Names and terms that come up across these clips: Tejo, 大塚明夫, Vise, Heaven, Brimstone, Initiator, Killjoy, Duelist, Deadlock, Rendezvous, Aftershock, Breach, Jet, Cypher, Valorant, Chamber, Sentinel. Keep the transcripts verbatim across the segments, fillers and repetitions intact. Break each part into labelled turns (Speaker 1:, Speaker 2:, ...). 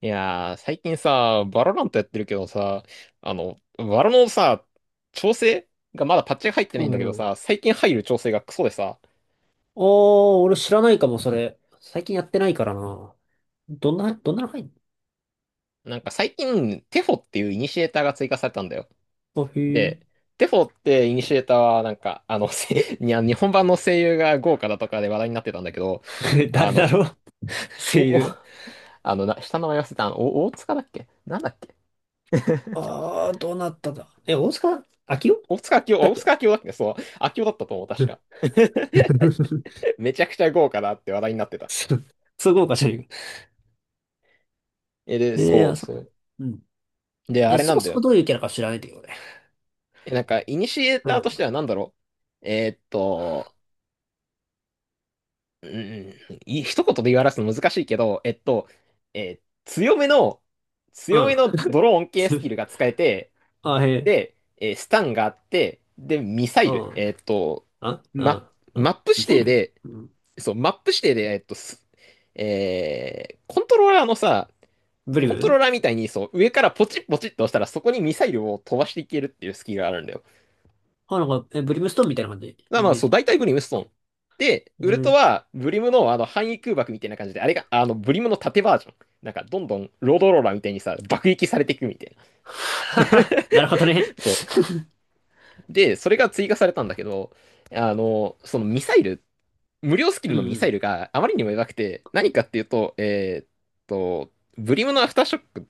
Speaker 1: いやー、最近さ、バロラントやってるけどさ、あの、バロのさ、調整がまだパッチが入って
Speaker 2: う
Speaker 1: ないんだけど
Speaker 2: ん。
Speaker 1: さ、最近入る調整がクソでさ、
Speaker 2: ああ、俺知らないかも、それ。最近やってないからな。どんな、どんなの入ん
Speaker 1: なんか最近、テフォっていうイニシエーターが追加されたんだよ。
Speaker 2: の？あ、へえ。
Speaker 1: で、テフォってイニシエーターは、なんか、あの、せ い日本版の声優が豪華だとかで話題になってたんだけど、あ
Speaker 2: 誰だ
Speaker 1: の、
Speaker 2: ろう、声
Speaker 1: お、お、
Speaker 2: 優。
Speaker 1: あの、な、下の名前忘れた、あの、お大塚だっけなんだっけ
Speaker 2: ああ、どうなったんだ。え、大塚明夫
Speaker 1: 大塚明夫、あ
Speaker 2: だっ
Speaker 1: 大
Speaker 2: け。
Speaker 1: 塚明夫だっけそう、明夫だったと思う、
Speaker 2: う
Speaker 1: 確か。
Speaker 2: ん。 そ
Speaker 1: めちゃくちゃ豪華だって話題になってた。
Speaker 2: うそう、豪華じゃな いか。
Speaker 1: え、で、
Speaker 2: ええ、
Speaker 1: そう
Speaker 2: あ、そ
Speaker 1: そ
Speaker 2: う、
Speaker 1: う。
Speaker 2: うん。
Speaker 1: で、あ
Speaker 2: え、
Speaker 1: れ
Speaker 2: そ
Speaker 1: な
Speaker 2: も
Speaker 1: んだ
Speaker 2: そも
Speaker 1: よ。
Speaker 2: どういうキャラか知らないんだけどね。
Speaker 1: え、なんか、イニシエー
Speaker 2: う
Speaker 1: ターとして
Speaker 2: ん。
Speaker 1: はなんだろう。えーっと、うん、い一言で言い表すの難しいけど、えっと、えー強めの、
Speaker 2: う
Speaker 1: 強め
Speaker 2: ん。
Speaker 1: のドローン系スキ ルが使えて、
Speaker 2: あ、へえ。
Speaker 1: で、えースタンがあって、で、ミサ
Speaker 2: う
Speaker 1: イル。
Speaker 2: ん。
Speaker 1: えーっと、
Speaker 2: あ、う
Speaker 1: マ、
Speaker 2: ん。う
Speaker 1: マ
Speaker 2: ん。
Speaker 1: ップ指
Speaker 2: ミサイ
Speaker 1: 定
Speaker 2: ル。
Speaker 1: で、
Speaker 2: うん。
Speaker 1: そう、マップ指定で、えーっと、すえーコントローラーのさ、
Speaker 2: ブリ
Speaker 1: コントロー
Speaker 2: ム
Speaker 1: ラーみたいに、そう、上からポチッポチッと押したら、そこにミサイルを飛ばしていけるっていうスキルがあるんだよ。
Speaker 2: あ、なんか、え、ブリムストーンみたいな感じ。
Speaker 1: まあ
Speaker 2: イ
Speaker 1: まあ、
Speaker 2: メー
Speaker 1: そう、
Speaker 2: ジ。
Speaker 1: 大体ブリム、ストーン。で、ウルトは、ブリムのあの範囲空爆みたいな感じで、あれが、あの、ブリムの縦バージョン。なんか、どんどん、ロードローラーみたいにさ、爆撃されていくみたいな。
Speaker 2: なるほどね。
Speaker 1: そう。で、それが追加されたんだけど、あの、そのミサイル、無料スキ
Speaker 2: う
Speaker 1: ルの
Speaker 2: ん
Speaker 1: ミ
Speaker 2: う
Speaker 1: サイ
Speaker 2: ん。
Speaker 1: ルがあまりにも弱くて、何かっていうと、えーっと、ブリムのアフターショック、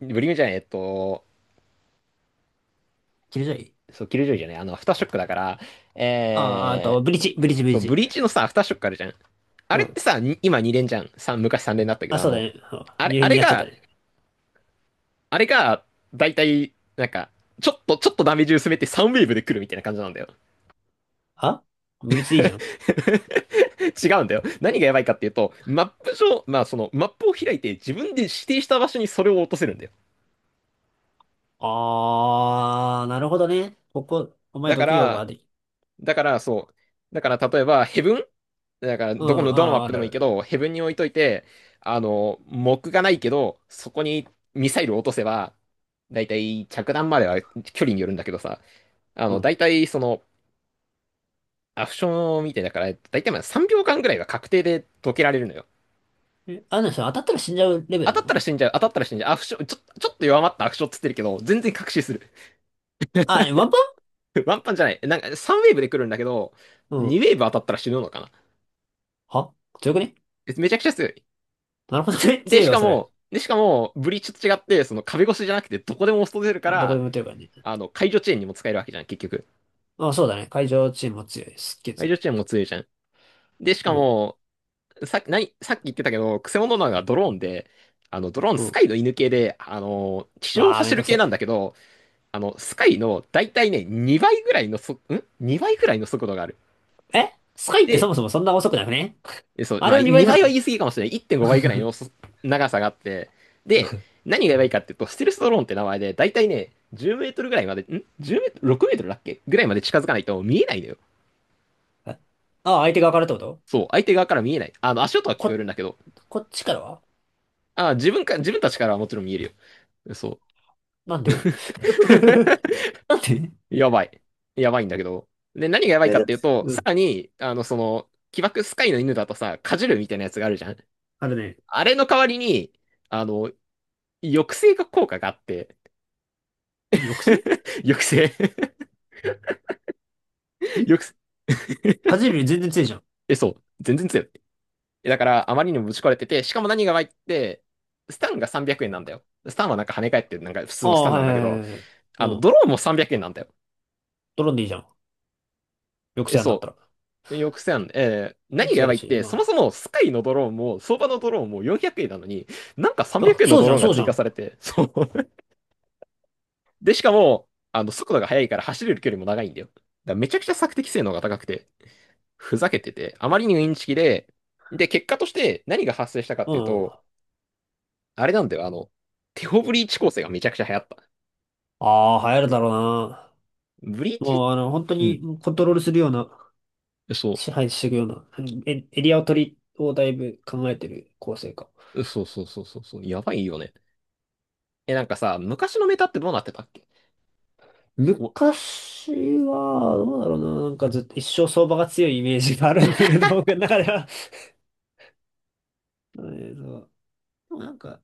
Speaker 1: ブリムじゃない、えっと、
Speaker 2: キルジョイ。
Speaker 1: そう、キルジョイじゃない、あの、アフターショックだから、
Speaker 2: あー、あと、
Speaker 1: え
Speaker 2: ブリッジ、ブリッジ、ブリ
Speaker 1: そ
Speaker 2: ッ
Speaker 1: う、ブ
Speaker 2: ジ。
Speaker 1: リーチのさ、アフターショックあるじゃん。あ
Speaker 2: う
Speaker 1: れって
Speaker 2: ん。
Speaker 1: さ、に今に連じゃん。さん昔さん連だったけ
Speaker 2: あ、
Speaker 1: ど、あ
Speaker 2: そうだ
Speaker 1: の、
Speaker 2: ね。う
Speaker 1: あ
Speaker 2: ん、
Speaker 1: れ、
Speaker 2: 入
Speaker 1: あ
Speaker 2: 院に
Speaker 1: れ
Speaker 2: なっちゃった
Speaker 1: が、
Speaker 2: ね。
Speaker 1: あれが、だいたい、なんか、ちょっと、ちょっとダメージ薄めてさんウェーブで来るみたいな感じなんだよ。
Speaker 2: あ、ブリッジでいいじゃん。
Speaker 1: 違うんだよ。何がやばいかっていうと、マップ上、まあその、マップを開いて自分で指定した場所にそれを落とせるんだよ。
Speaker 2: あー、なるほどね。ここ、お前
Speaker 1: だか
Speaker 2: どけよう
Speaker 1: ら、
Speaker 2: ができ。
Speaker 1: だから、そう。だから、例えば、ヘブンだから、
Speaker 2: うん、
Speaker 1: どこの、どのマ
Speaker 2: あ
Speaker 1: ッ
Speaker 2: ー、あ
Speaker 1: プで
Speaker 2: るあ
Speaker 1: もいいけ
Speaker 2: る。
Speaker 1: ど、ヘブンに置いといて、あの、木がないけど、そこにミサイルを落とせば、だいたい着弾までは距離によるんだけどさ、あ
Speaker 2: う
Speaker 1: の、だ
Speaker 2: ん。
Speaker 1: いたいその、アクションみたいだから、だいたいまあさんびょうかんぐらいは確定で解けられるのよ。
Speaker 2: え、あの人当たったら死んじゃうレベ
Speaker 1: 当
Speaker 2: ル
Speaker 1: た
Speaker 2: な
Speaker 1: った
Speaker 2: の？
Speaker 1: ら死んじゃう、当たったら死んじゃう、アフション、ちょ、ちょっと弱まったアクションっつってるけど、全然確信する。
Speaker 2: あ、えワンパ
Speaker 1: ワンパンじゃない。なんかさんウェーブで来るんだけど、
Speaker 2: ン。うん。
Speaker 1: にウェーブ当たったら死ぬのかな。
Speaker 2: は、強くね？
Speaker 1: めちゃくちゃ強い。
Speaker 2: なるほどね。
Speaker 1: で、
Speaker 2: 強い
Speaker 1: し
Speaker 2: わ、
Speaker 1: か
Speaker 2: それ。
Speaker 1: も、で、しかも、ブリーチと違って、その壁越しじゃなくて、どこでも押し通せるか
Speaker 2: どこで
Speaker 1: ら、
Speaker 2: も打てるからね。
Speaker 1: あの、解除遅延にも使えるわけじゃん、結局。
Speaker 2: あ、そうだね。会場チームも強い。すっげえ
Speaker 1: 解
Speaker 2: 強
Speaker 1: 除遅
Speaker 2: い。
Speaker 1: 延も強いじゃん。で、し
Speaker 2: う
Speaker 1: か
Speaker 2: ん。
Speaker 1: も、さっき、なさっき言ってたけど、クセモノなのがドローンで、あの、ドローン
Speaker 2: う
Speaker 1: ス
Speaker 2: ん。
Speaker 1: カイの犬系で、あの、地上を
Speaker 2: あー、め
Speaker 1: 走
Speaker 2: んど
Speaker 1: る
Speaker 2: くせ
Speaker 1: 系なんだ
Speaker 2: え。
Speaker 1: けど、あの、スカイの大体ね、にばいぐらいのそ、ん ?に 倍ぐらいの速度がある。
Speaker 2: え、スカイってそ
Speaker 1: で、
Speaker 2: もそもそんな遅くなくね？
Speaker 1: えそう、
Speaker 2: あ
Speaker 1: ま
Speaker 2: れ
Speaker 1: あ、
Speaker 2: のにな
Speaker 1: にばいは言
Speaker 2: の？
Speaker 1: い過ぎかもしれない。いってんごばいぐらいのそ長さがあって、で、何がやばいかっていうと、ステルスドローンって名前で、だいたいね、じゅうメートルぐらいまで、んいちメートル ?ろく メートルだっけぐらいまで近づかないと見えないのよ。
Speaker 2: え、ああ、相手側からってこと？
Speaker 1: そう、相手側から見えない。あの、足音は聞こ
Speaker 2: こ、
Speaker 1: えるんだけど、
Speaker 2: こっちからは？
Speaker 1: あ、自分か、自分たちからはもちろん見えるよ。そう。
Speaker 2: なんで？ なんで？
Speaker 1: やばい。やばいんだけど。で、何がやばい
Speaker 2: え、
Speaker 1: か
Speaker 2: だ
Speaker 1: っ
Speaker 2: っ
Speaker 1: て
Speaker 2: て、
Speaker 1: いうと、
Speaker 2: う
Speaker 1: さ
Speaker 2: ん。
Speaker 1: らに、あの、その、起爆スカイの犬だとさ、かじるみたいなやつがあるじゃん。
Speaker 2: あれね。
Speaker 1: あれの代わりに、あの、抑制が効果があって、
Speaker 2: え、抑制？
Speaker 1: 抑制
Speaker 2: え、
Speaker 1: よく
Speaker 2: 風より全然強いじゃん。
Speaker 1: え、そう。全然強い。えだから、あまりにもぶち壊れてて、しかも何が悪いって、スタンがさんびゃくえんなんだよ。スタンはなんか跳ね返ってる、なんか普
Speaker 2: あ
Speaker 1: 通のス
Speaker 2: あ、
Speaker 1: タン
Speaker 2: は
Speaker 1: な
Speaker 2: い
Speaker 1: んだけ
Speaker 2: はい
Speaker 1: ど、
Speaker 2: はいはい。うん。
Speaker 1: あの、ドローンもさんびゃくえんなんだよ。
Speaker 2: ドローンでいいじゃん。抑
Speaker 1: え、
Speaker 2: 制なんだっ
Speaker 1: そ
Speaker 2: たら。
Speaker 1: う。よくせん。えー何
Speaker 2: 抑
Speaker 1: が
Speaker 2: 制
Speaker 1: や
Speaker 2: あ
Speaker 1: ば
Speaker 2: る
Speaker 1: いっ
Speaker 2: し、
Speaker 1: て、そもそ
Speaker 2: ま
Speaker 1: もスカイのドローンも、相場のドローンもよんひゃくえんなのに、なんか
Speaker 2: あ。
Speaker 1: 300
Speaker 2: あ、
Speaker 1: 円の
Speaker 2: そう
Speaker 1: ド
Speaker 2: じゃ
Speaker 1: ロー
Speaker 2: ん、
Speaker 1: ンが
Speaker 2: そうじ
Speaker 1: 追
Speaker 2: ゃ
Speaker 1: 加
Speaker 2: ん。
Speaker 1: されて、そう。で、しかも、あの、速度が速いから走れる距離も長いんだよ。だからめちゃくちゃ索敵性能が高くて、ふざけてて、あまりにインチキで、で、結果として何が発生したかっ
Speaker 2: う
Speaker 1: ていう
Speaker 2: ん。
Speaker 1: と、あれなんだよ、あの、テオブリーチ構成がめちゃくちゃ流行った。
Speaker 2: ああ、流行るだろうな。
Speaker 1: ブリーチ
Speaker 2: もう、あの、本当
Speaker 1: うん。
Speaker 2: にコントロールするような、
Speaker 1: そ
Speaker 2: 支配していくような、うん、エ、エリアを取り、をだいぶ考えてる構成か。
Speaker 1: う。そうそうそうそうそう。やばいよね。え、なんかさ、昔のメタってどうなってたっけお、
Speaker 2: 昔は、どうだろうな、なんかずっと一生相場が強いイメージがあるんだけど、僕の中では。えーとでも、なんか、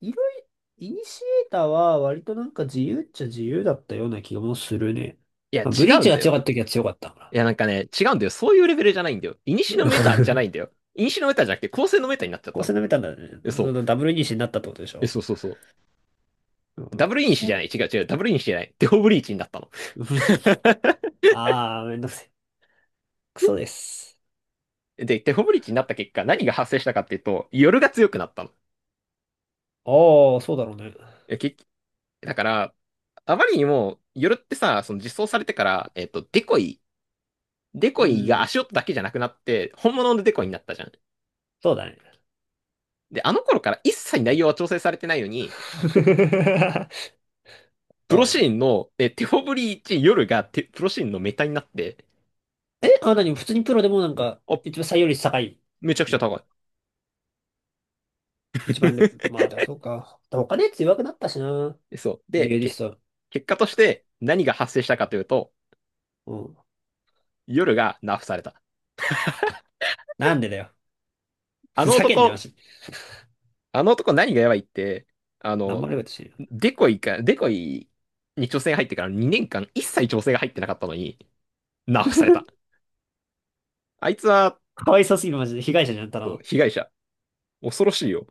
Speaker 2: いろいろ、イニシエーターは割となんか自由っちゃ自由だったような気もするね。
Speaker 1: いや、違
Speaker 2: まあ、ブリー
Speaker 1: う
Speaker 2: チ
Speaker 1: ん
Speaker 2: が
Speaker 1: だ
Speaker 2: 強
Speaker 1: よ。
Speaker 2: かった時は強かったか
Speaker 1: い
Speaker 2: ら。
Speaker 1: や、なんかね、違うんだよ。そういうレベルじゃないんだよ。イニシのメタじゃな いんだよ。イニシのメタじゃなくて、構成のメタになっちゃっ
Speaker 2: こ
Speaker 1: た
Speaker 2: う
Speaker 1: の。
Speaker 2: のなめたんだね。
Speaker 1: え、そ
Speaker 2: そ
Speaker 1: う。
Speaker 2: のダブルイニシになったってことでし
Speaker 1: え、
Speaker 2: ょ。
Speaker 1: そうそうそう。
Speaker 2: な
Speaker 1: ダ
Speaker 2: ん
Speaker 1: ブル
Speaker 2: か
Speaker 1: イニ
Speaker 2: し
Speaker 1: シじゃない。違う違う。ダブルイニシじゃない。テオブリーチになったの。
Speaker 2: ブリーチだ。あー、めんどくせえ。クソです。
Speaker 1: で、テオブリーチになった結果、何が発生したかっていうと、夜が強くなったの。
Speaker 2: あー、そうだろうね。
Speaker 1: え結だから、あまりにも、夜ってさ、その実装されてから、えっと、デコイ、デ
Speaker 2: う
Speaker 1: コイが
Speaker 2: ん、
Speaker 1: 足音だけじゃなくなって、本物のデコイになったじゃん。
Speaker 2: そうだね。
Speaker 1: で、あの頃から一切内容は調整されてないのに、プ
Speaker 2: そ
Speaker 1: ロ
Speaker 2: うだ
Speaker 1: シ
Speaker 2: ね
Speaker 1: ーンの、え、テフォブリーチ夜がテ、プロシーンのメタになって、
Speaker 2: え。あ、何普通にプロでも、なんか、
Speaker 1: あ、
Speaker 2: 一番採用率高い
Speaker 1: めちゃくちゃ
Speaker 2: の？
Speaker 1: 高い。
Speaker 2: 一番レベル。まあ、だからそうか。他のやつ弱くなったしな。
Speaker 1: でそう。
Speaker 2: デュ
Speaker 1: で、
Speaker 2: エリ
Speaker 1: け、
Speaker 2: スト。
Speaker 1: 結果として何が発生したかというと、
Speaker 2: うん。
Speaker 1: 夜がナーフされた。
Speaker 2: なんでだよ。
Speaker 1: あ
Speaker 2: ふ
Speaker 1: の
Speaker 2: ざけんなよ、マ
Speaker 1: 男、
Speaker 2: ジ。
Speaker 1: あの男何がやばいって、あ
Speaker 2: なんも
Speaker 1: の、
Speaker 2: 悪いことしてるよ。
Speaker 1: デコイか、デコイに挑戦入ってからにねんかん一切調整が入ってなかったのに、ナーフされた。あいつは、
Speaker 2: かわいそうすぎる、マジで。被害者じゃん、ただ
Speaker 1: そう、
Speaker 2: の。
Speaker 1: 被害者。恐ろしいよ。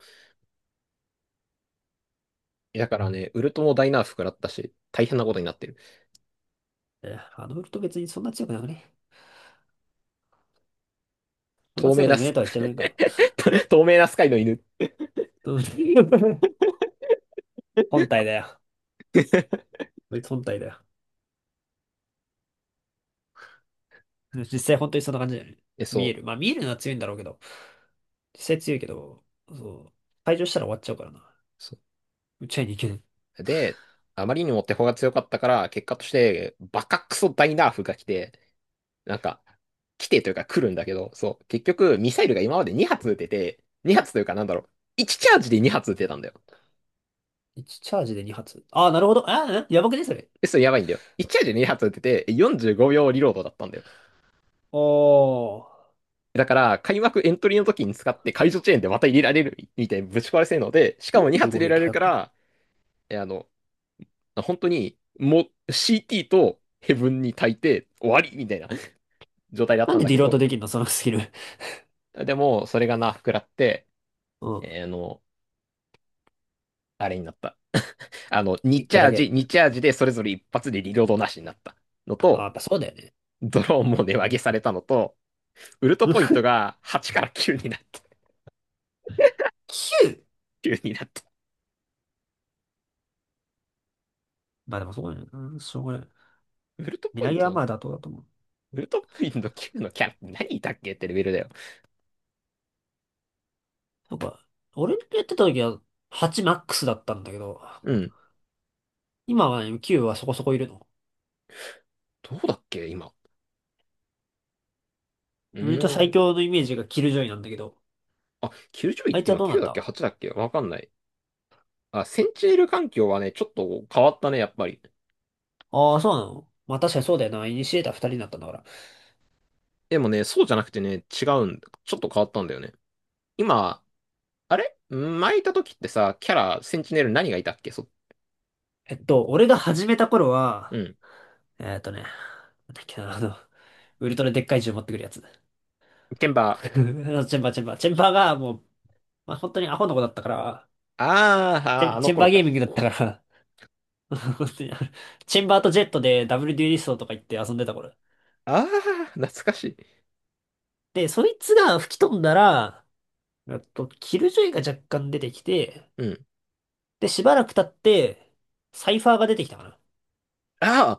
Speaker 1: だからね、ウルトも大ナーフ食らったし、大変なことになってる。
Speaker 2: え、あのウルト別にそんな強くなくね？そんな
Speaker 1: 透
Speaker 2: 強
Speaker 1: 明
Speaker 2: く
Speaker 1: な
Speaker 2: なく
Speaker 1: ス、
Speaker 2: ねとは言っちゃうんから。
Speaker 1: 透明なスカイの犬。
Speaker 2: うん。 本体だよ。こいつ本体だよ。実際本当にそんな感じだよね。
Speaker 1: え、
Speaker 2: 見え
Speaker 1: そ
Speaker 2: る。
Speaker 1: う。
Speaker 2: まあ見えるのは強いんだろうけど。実際強いけど、そう。退場したら終わっちゃうからな。
Speaker 1: そ
Speaker 2: 打ち合いに行けない。
Speaker 1: う。で、あまりにも手法が強かったから、結果として、バカクソ大ナーフが来て、なんか、来てというか来るんだけど、そう、結局、ミサイルが今までに発撃てて、に発というかなんだろう、いちチャージでに発撃てたんだよ。
Speaker 2: いちチャージでに発。ああ、なるほど。ああ、やばくね、それ？
Speaker 1: え、それやばいんだよ。いちチャージでに発撃てて、よんじゅうごびょうリロードだったんだよ。
Speaker 2: おー。
Speaker 1: だから、開幕エントリーの時に使って解除チェーンでまた入れられるみたいにぶち壊れ性能で、しかもにはつ
Speaker 2: 45
Speaker 1: 発入れ
Speaker 2: 秒っ
Speaker 1: ら
Speaker 2: て
Speaker 1: れる
Speaker 2: 早
Speaker 1: か
Speaker 2: くね？
Speaker 1: ら、え、あの、本当に、もう シーティー とヘブンに焚いて終わりみたいな 状態だっ
Speaker 2: なん
Speaker 1: たん
Speaker 2: で
Speaker 1: だ
Speaker 2: デ
Speaker 1: け
Speaker 2: ィロート
Speaker 1: ど、
Speaker 2: できんの、そのスキル。
Speaker 1: でも、それがな、膨らって、
Speaker 2: うん。
Speaker 1: えーあの、あれになった。あの、に
Speaker 2: 1
Speaker 1: チ
Speaker 2: 回
Speaker 1: ャ
Speaker 2: だ
Speaker 1: ージ、
Speaker 2: け。
Speaker 1: にチャージでそれぞれ一発でリロードなしになったの
Speaker 2: ああ、
Speaker 1: と、
Speaker 2: やっぱそうだよね。
Speaker 1: ドローンも値上げされたのと、ウルトポイント がはちからきゅうになった。
Speaker 2: きゅう!
Speaker 1: きゅうになった。
Speaker 2: まあでもそうだよね。うん、しょうがない。
Speaker 1: ウルト
Speaker 2: 値
Speaker 1: ポイ
Speaker 2: 上
Speaker 1: ン
Speaker 2: げ
Speaker 1: ト
Speaker 2: は
Speaker 1: の、
Speaker 2: まあ妥当だと思う。
Speaker 1: ウルトポイントのきゅうのキャラ何いたっけってレベルだよ。
Speaker 2: なんか、俺のやってた時ははちマックスだったんだけど、
Speaker 1: うん。
Speaker 2: 今はね、きゅうはそこそこいるの。
Speaker 1: どうだっけ今。う
Speaker 2: 俺と
Speaker 1: ー
Speaker 2: 最
Speaker 1: ん。
Speaker 2: 強のイメージがキルジョイなんだけど、
Speaker 1: あ、きゅうじゅういっ
Speaker 2: あいつ
Speaker 1: て
Speaker 2: は
Speaker 1: 今
Speaker 2: どうな
Speaker 1: きゅう
Speaker 2: っ
Speaker 1: だっけ？
Speaker 2: た？
Speaker 1: はち だっけわかんない。あ、センチネル環境はね、ちょっと変わったね、やっぱり。
Speaker 2: ああー、そうなの？まあ、確かにそうだよな。イニシエーターふたりになったんだから。
Speaker 1: でもね、そうじゃなくてね、違うんだ。ちょっと変わったんだよね。今、あれ前いた時ってさ、キャラ、センチネル何がいたっけそ
Speaker 2: えっと、俺が始めた頃
Speaker 1: う
Speaker 2: は、
Speaker 1: ん。
Speaker 2: えーっとね、なんだっけな、あの、ウルトラでっかい銃持ってくるやつ。
Speaker 1: ケンバ
Speaker 2: あ
Speaker 1: ー。
Speaker 2: のチェンバー、チェンバー。チェンバーがもう、まあ、本当にアホの子だったから、
Speaker 1: あー
Speaker 2: チ
Speaker 1: あ
Speaker 2: ェ
Speaker 1: ー、
Speaker 2: ン、
Speaker 1: あの
Speaker 2: チェン
Speaker 1: 頃
Speaker 2: バーゲ
Speaker 1: か。
Speaker 2: ーミングだったから、本当に、チェンバーとジェットでダブルデュエリストとか言って遊んでた頃。
Speaker 1: ああ、懐かしい。
Speaker 2: で、そいつが吹き飛んだら、えっと、キルジョイが若干出てきて、
Speaker 1: うん。
Speaker 2: で、しばらく経って、サイファーが出てきたかなっ
Speaker 1: ああ、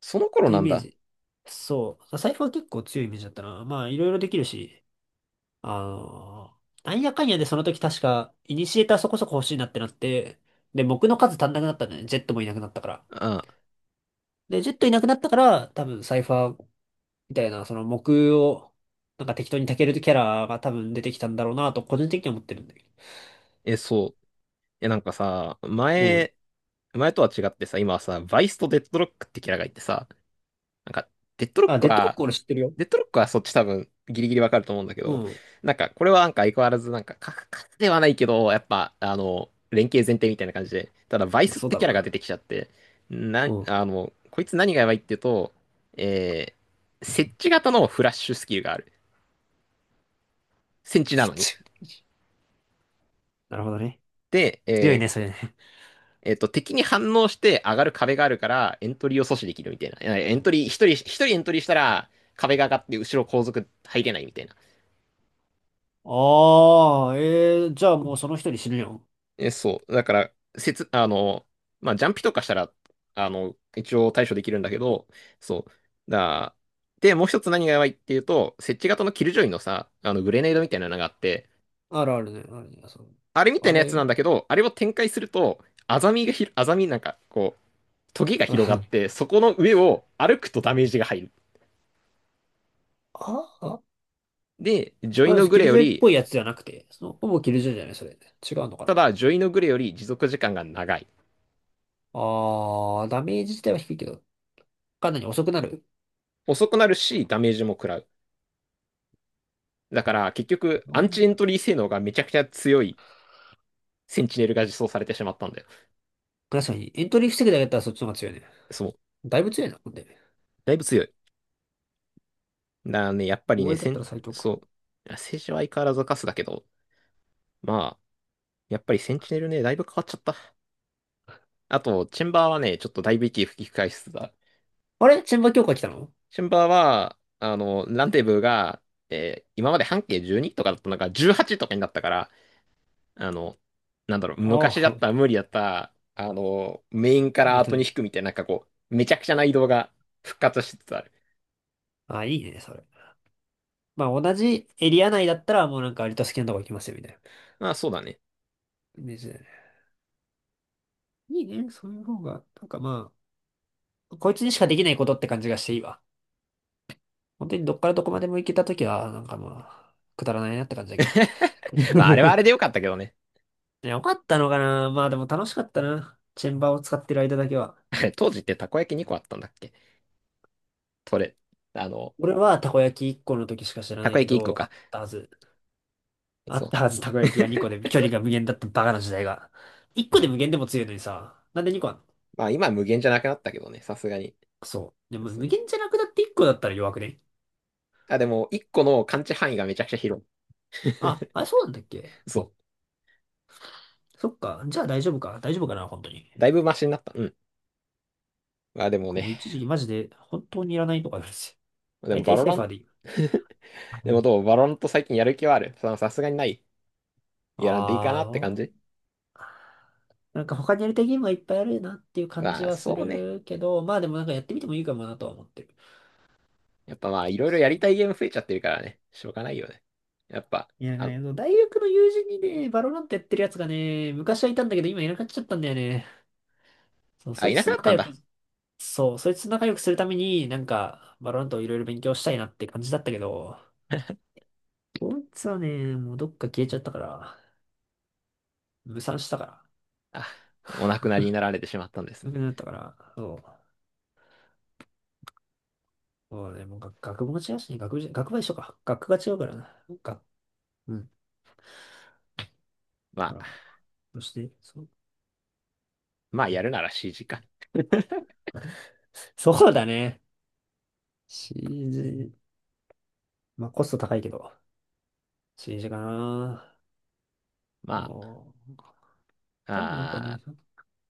Speaker 1: その頃
Speaker 2: て
Speaker 1: な
Speaker 2: イ
Speaker 1: ん
Speaker 2: メー
Speaker 1: だ。
Speaker 2: ジ。そう。サイファー結構強いイメージだったな。まあ、いろいろできるし。あの、なんやかんやでその時確か、イニシエーターそこそこ欲しいなってなって、で、木の数足んなくなったんだよね。ジェットもいなくなったから。
Speaker 1: ああ、
Speaker 2: で、ジェットいなくなったから、多分サイファーみたいな、その木を、なんか適当に炊けるキャラが多分出てきたんだろうなと、個人的には思ってるんだけ
Speaker 1: え、そう。え、なんかさ、
Speaker 2: ど。うん。
Speaker 1: 前、前とは違ってさ、今はさ、バイスとデッドロックってキャラがいてさ、なんか、デッドロッ
Speaker 2: あ、
Speaker 1: ク
Speaker 2: デッドロッ
Speaker 1: は
Speaker 2: ク俺知ってるよ。
Speaker 1: デッドロックはそっち多分ギリギリわかると思うんだけ
Speaker 2: う
Speaker 1: ど、
Speaker 2: ん。
Speaker 1: なんかこれはなんか相変わらずなんかカクではないけど、やっぱあの、連携前提みたいな感じで、ただバイ
Speaker 2: まあ
Speaker 1: スっ
Speaker 2: そう
Speaker 1: て
Speaker 2: だ
Speaker 1: キ
Speaker 2: ろ
Speaker 1: ャ
Speaker 2: う
Speaker 1: ラが出
Speaker 2: な。
Speaker 1: てきちゃって、な、
Speaker 2: うん。
Speaker 1: あの、こいつ何がやばいっていうと、えー、設置型のフラッシュスキルがある。戦地なのに。
Speaker 2: なるほどね。
Speaker 1: で、え
Speaker 2: 強いね、
Speaker 1: ー
Speaker 2: それね。
Speaker 1: えっと、敵に反応して上がる壁があるから、エントリーを阻止できるみたいな。えエントリー、一人、一人エントリーしたら、壁が上がって後ろ後続入れないみたいな。
Speaker 2: ああ、えー、じゃあもうその一人死ぬよ。
Speaker 1: え、そう。だから、せつ、あの、まあ、ジャンピとかしたら、あの、一応対処できるんだけど、そう。だ、で、もう一つ何がやばいっていうと、設置型のキルジョイのさ、あの、グレネードみたいなのがあって、
Speaker 2: あるあるね、あるね、そう。
Speaker 1: あれみたい
Speaker 2: あ
Speaker 1: なやつ
Speaker 2: れ
Speaker 1: なん
Speaker 2: が。
Speaker 1: だけど、あれを展開すると、アザミがひ、アザミなんか、こう、トゲが広がっ て、そこの上を歩くとダメージが入る。
Speaker 2: ああ、
Speaker 1: で、ジョイ
Speaker 2: まあ、
Speaker 1: のグ
Speaker 2: キ
Speaker 1: レ
Speaker 2: ル
Speaker 1: よ
Speaker 2: ジョイっぽ
Speaker 1: り、
Speaker 2: いやつじゃなくて、その、ほぼキルジョイじゃない、それ。違うのか
Speaker 1: ただ、
Speaker 2: な。
Speaker 1: ジョイのグレより持続時間が長い。
Speaker 2: あー、ダメージ自体は低いけど、かなり遅くなる。
Speaker 1: 遅くなるし、ダメージも食らう。だから、結
Speaker 2: な
Speaker 1: 局、
Speaker 2: るほ
Speaker 1: アン
Speaker 2: ど
Speaker 1: チ
Speaker 2: ね。
Speaker 1: エントリー性能がめちゃくちゃ強い。センチネルが実装されてしまったんだよ。
Speaker 2: 確かに、エントリー防ぐだけだったらそっちの方が強いね。
Speaker 1: そう。
Speaker 2: だいぶ強いな、ほんで。
Speaker 1: だいぶ強い。だからね、やっぱりね、
Speaker 2: 防衛だ
Speaker 1: セ
Speaker 2: った
Speaker 1: ン、
Speaker 2: ら最強か。
Speaker 1: そう。政治は相変わらずカスだけど、まあ、やっぱりセンチネルね、だいぶ変わっちゃった。あと、チェンバーはね、ちょっとだいぶ息吹き返しつつだ。
Speaker 2: あれ、チェンバ強化来たの？
Speaker 1: チェンバーは、あの、ランデブーが、えー今まで半径じゅうにとかだったのがじゅうはちとかになったから、あの、なんだろう、
Speaker 2: あ
Speaker 1: 昔だったら
Speaker 2: あ、
Speaker 1: 無理だった、あの、メインか
Speaker 2: な
Speaker 1: ら
Speaker 2: って
Speaker 1: 後に
Speaker 2: る。
Speaker 1: 引くみたいな、なんかこう、めちゃくちゃな移動が復活しつつある。
Speaker 2: あ、いいね、それ。まあ、同じエリア内だったら、もうなんか割と好きなとこ行きますよ、みたいな
Speaker 1: まあ、そうだね。
Speaker 2: イメージだよね。いいね、そういう方が、なんかまあ、こいつにしかできないことって感じがしていいわ。本当にどっからどこまでも行けたときは、なんかまあ、くだらないなって感じだけど。
Speaker 1: まあ、あれはあ れでよかったけどね。
Speaker 2: いよかったのかな。まあでも楽しかったな。チェンバーを使ってる間だけは。
Speaker 1: 当時ってたこ焼きにこあったんだっけそれ。あの、
Speaker 2: 俺はたこ焼きいっこの時しか知ら
Speaker 1: た
Speaker 2: な
Speaker 1: こ
Speaker 2: いけ
Speaker 1: 焼きいっこ
Speaker 2: ど、あ
Speaker 1: か。
Speaker 2: ったはず。あっ
Speaker 1: そ
Speaker 2: たはず、たこ
Speaker 1: う。
Speaker 2: 焼きが2 個で距離が無限だったバカな時代が。いっこで無限でも強いのにさ。なんでにこあんの？
Speaker 1: まあ、今は無限じゃなくなったけどね、さすがに。
Speaker 2: クソ。でも
Speaker 1: そ
Speaker 2: 無
Speaker 1: う。
Speaker 2: 限じゃなくなっていっこだったら弱くね？
Speaker 1: あ、でも、いっこの感知範囲がめちゃくちゃ広い。
Speaker 2: あ、あれそうなんだっけ？
Speaker 1: そ
Speaker 2: そっか。じゃあ大丈夫か。大丈夫かな、本当に。
Speaker 1: う。だいぶマシになった。うん。まあ、でも
Speaker 2: 僕も
Speaker 1: ね、
Speaker 2: う一時期マジで本当にいらないとか言うんですよ。
Speaker 1: でも、
Speaker 2: 大
Speaker 1: バ
Speaker 2: 体
Speaker 1: ロ
Speaker 2: サイ
Speaker 1: ラ
Speaker 2: フ
Speaker 1: ン、
Speaker 2: ァーでいい。
Speaker 1: でもど うバロランと最近やる気はあるささすがにないやらんでいいか
Speaker 2: ああ、
Speaker 1: なって
Speaker 2: ど
Speaker 1: 感
Speaker 2: う？
Speaker 1: じ
Speaker 2: なんか他にやりたいゲームがいっぱいあるなっていう感じ
Speaker 1: まあ、
Speaker 2: はす
Speaker 1: そうね。
Speaker 2: るけど、まあでもなんかやってみてもいいかもなとは思ってる。
Speaker 1: やっぱまあ、いろいろや
Speaker 2: そう。
Speaker 1: りたいゲーム増えちゃってるからね。しょうがないよね。やっぱ、
Speaker 2: いや、なんか
Speaker 1: あ、
Speaker 2: ね、そう、大学の友人にね、バロラントやってるやつがね、昔はいたんだけど今いなくなっちゃったんだよね。そう、
Speaker 1: あ、
Speaker 2: そ
Speaker 1: い
Speaker 2: い
Speaker 1: な
Speaker 2: つ
Speaker 1: く
Speaker 2: と
Speaker 1: なっ
Speaker 2: 仲
Speaker 1: たん
Speaker 2: 良く、
Speaker 1: だ。
Speaker 2: そう、そいつと仲良くするために、なんか、バロラントをいろいろ勉強したいなって感じだったけど、こいつはね、もうどっか消えちゃったから、無賛したから、
Speaker 1: あ、お亡くなりになられてしまったんです
Speaker 2: 無
Speaker 1: ね。
Speaker 2: くなったから、そう。そうね、もう学学部も違うしね、学部じゃ、学部は一緒か。学科が違うからな。なんか、うん。
Speaker 1: ま
Speaker 2: だから、
Speaker 1: あ、
Speaker 2: そして、そ、
Speaker 1: まあ、やるなら シージー か。
Speaker 2: そうだね。シージー、まあコスト高いけど、シージー かな。
Speaker 1: ま
Speaker 2: おー、他にもなんか
Speaker 1: あ、
Speaker 2: ね、
Speaker 1: あー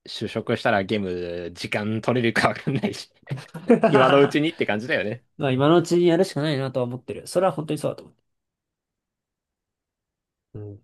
Speaker 1: 就職したらゲーム時間取れるかわかんないし、今のうちにって感じだよね。
Speaker 2: まあ今のうちにやるしかないなとは思ってる。それは本当にそうだと思う。うん。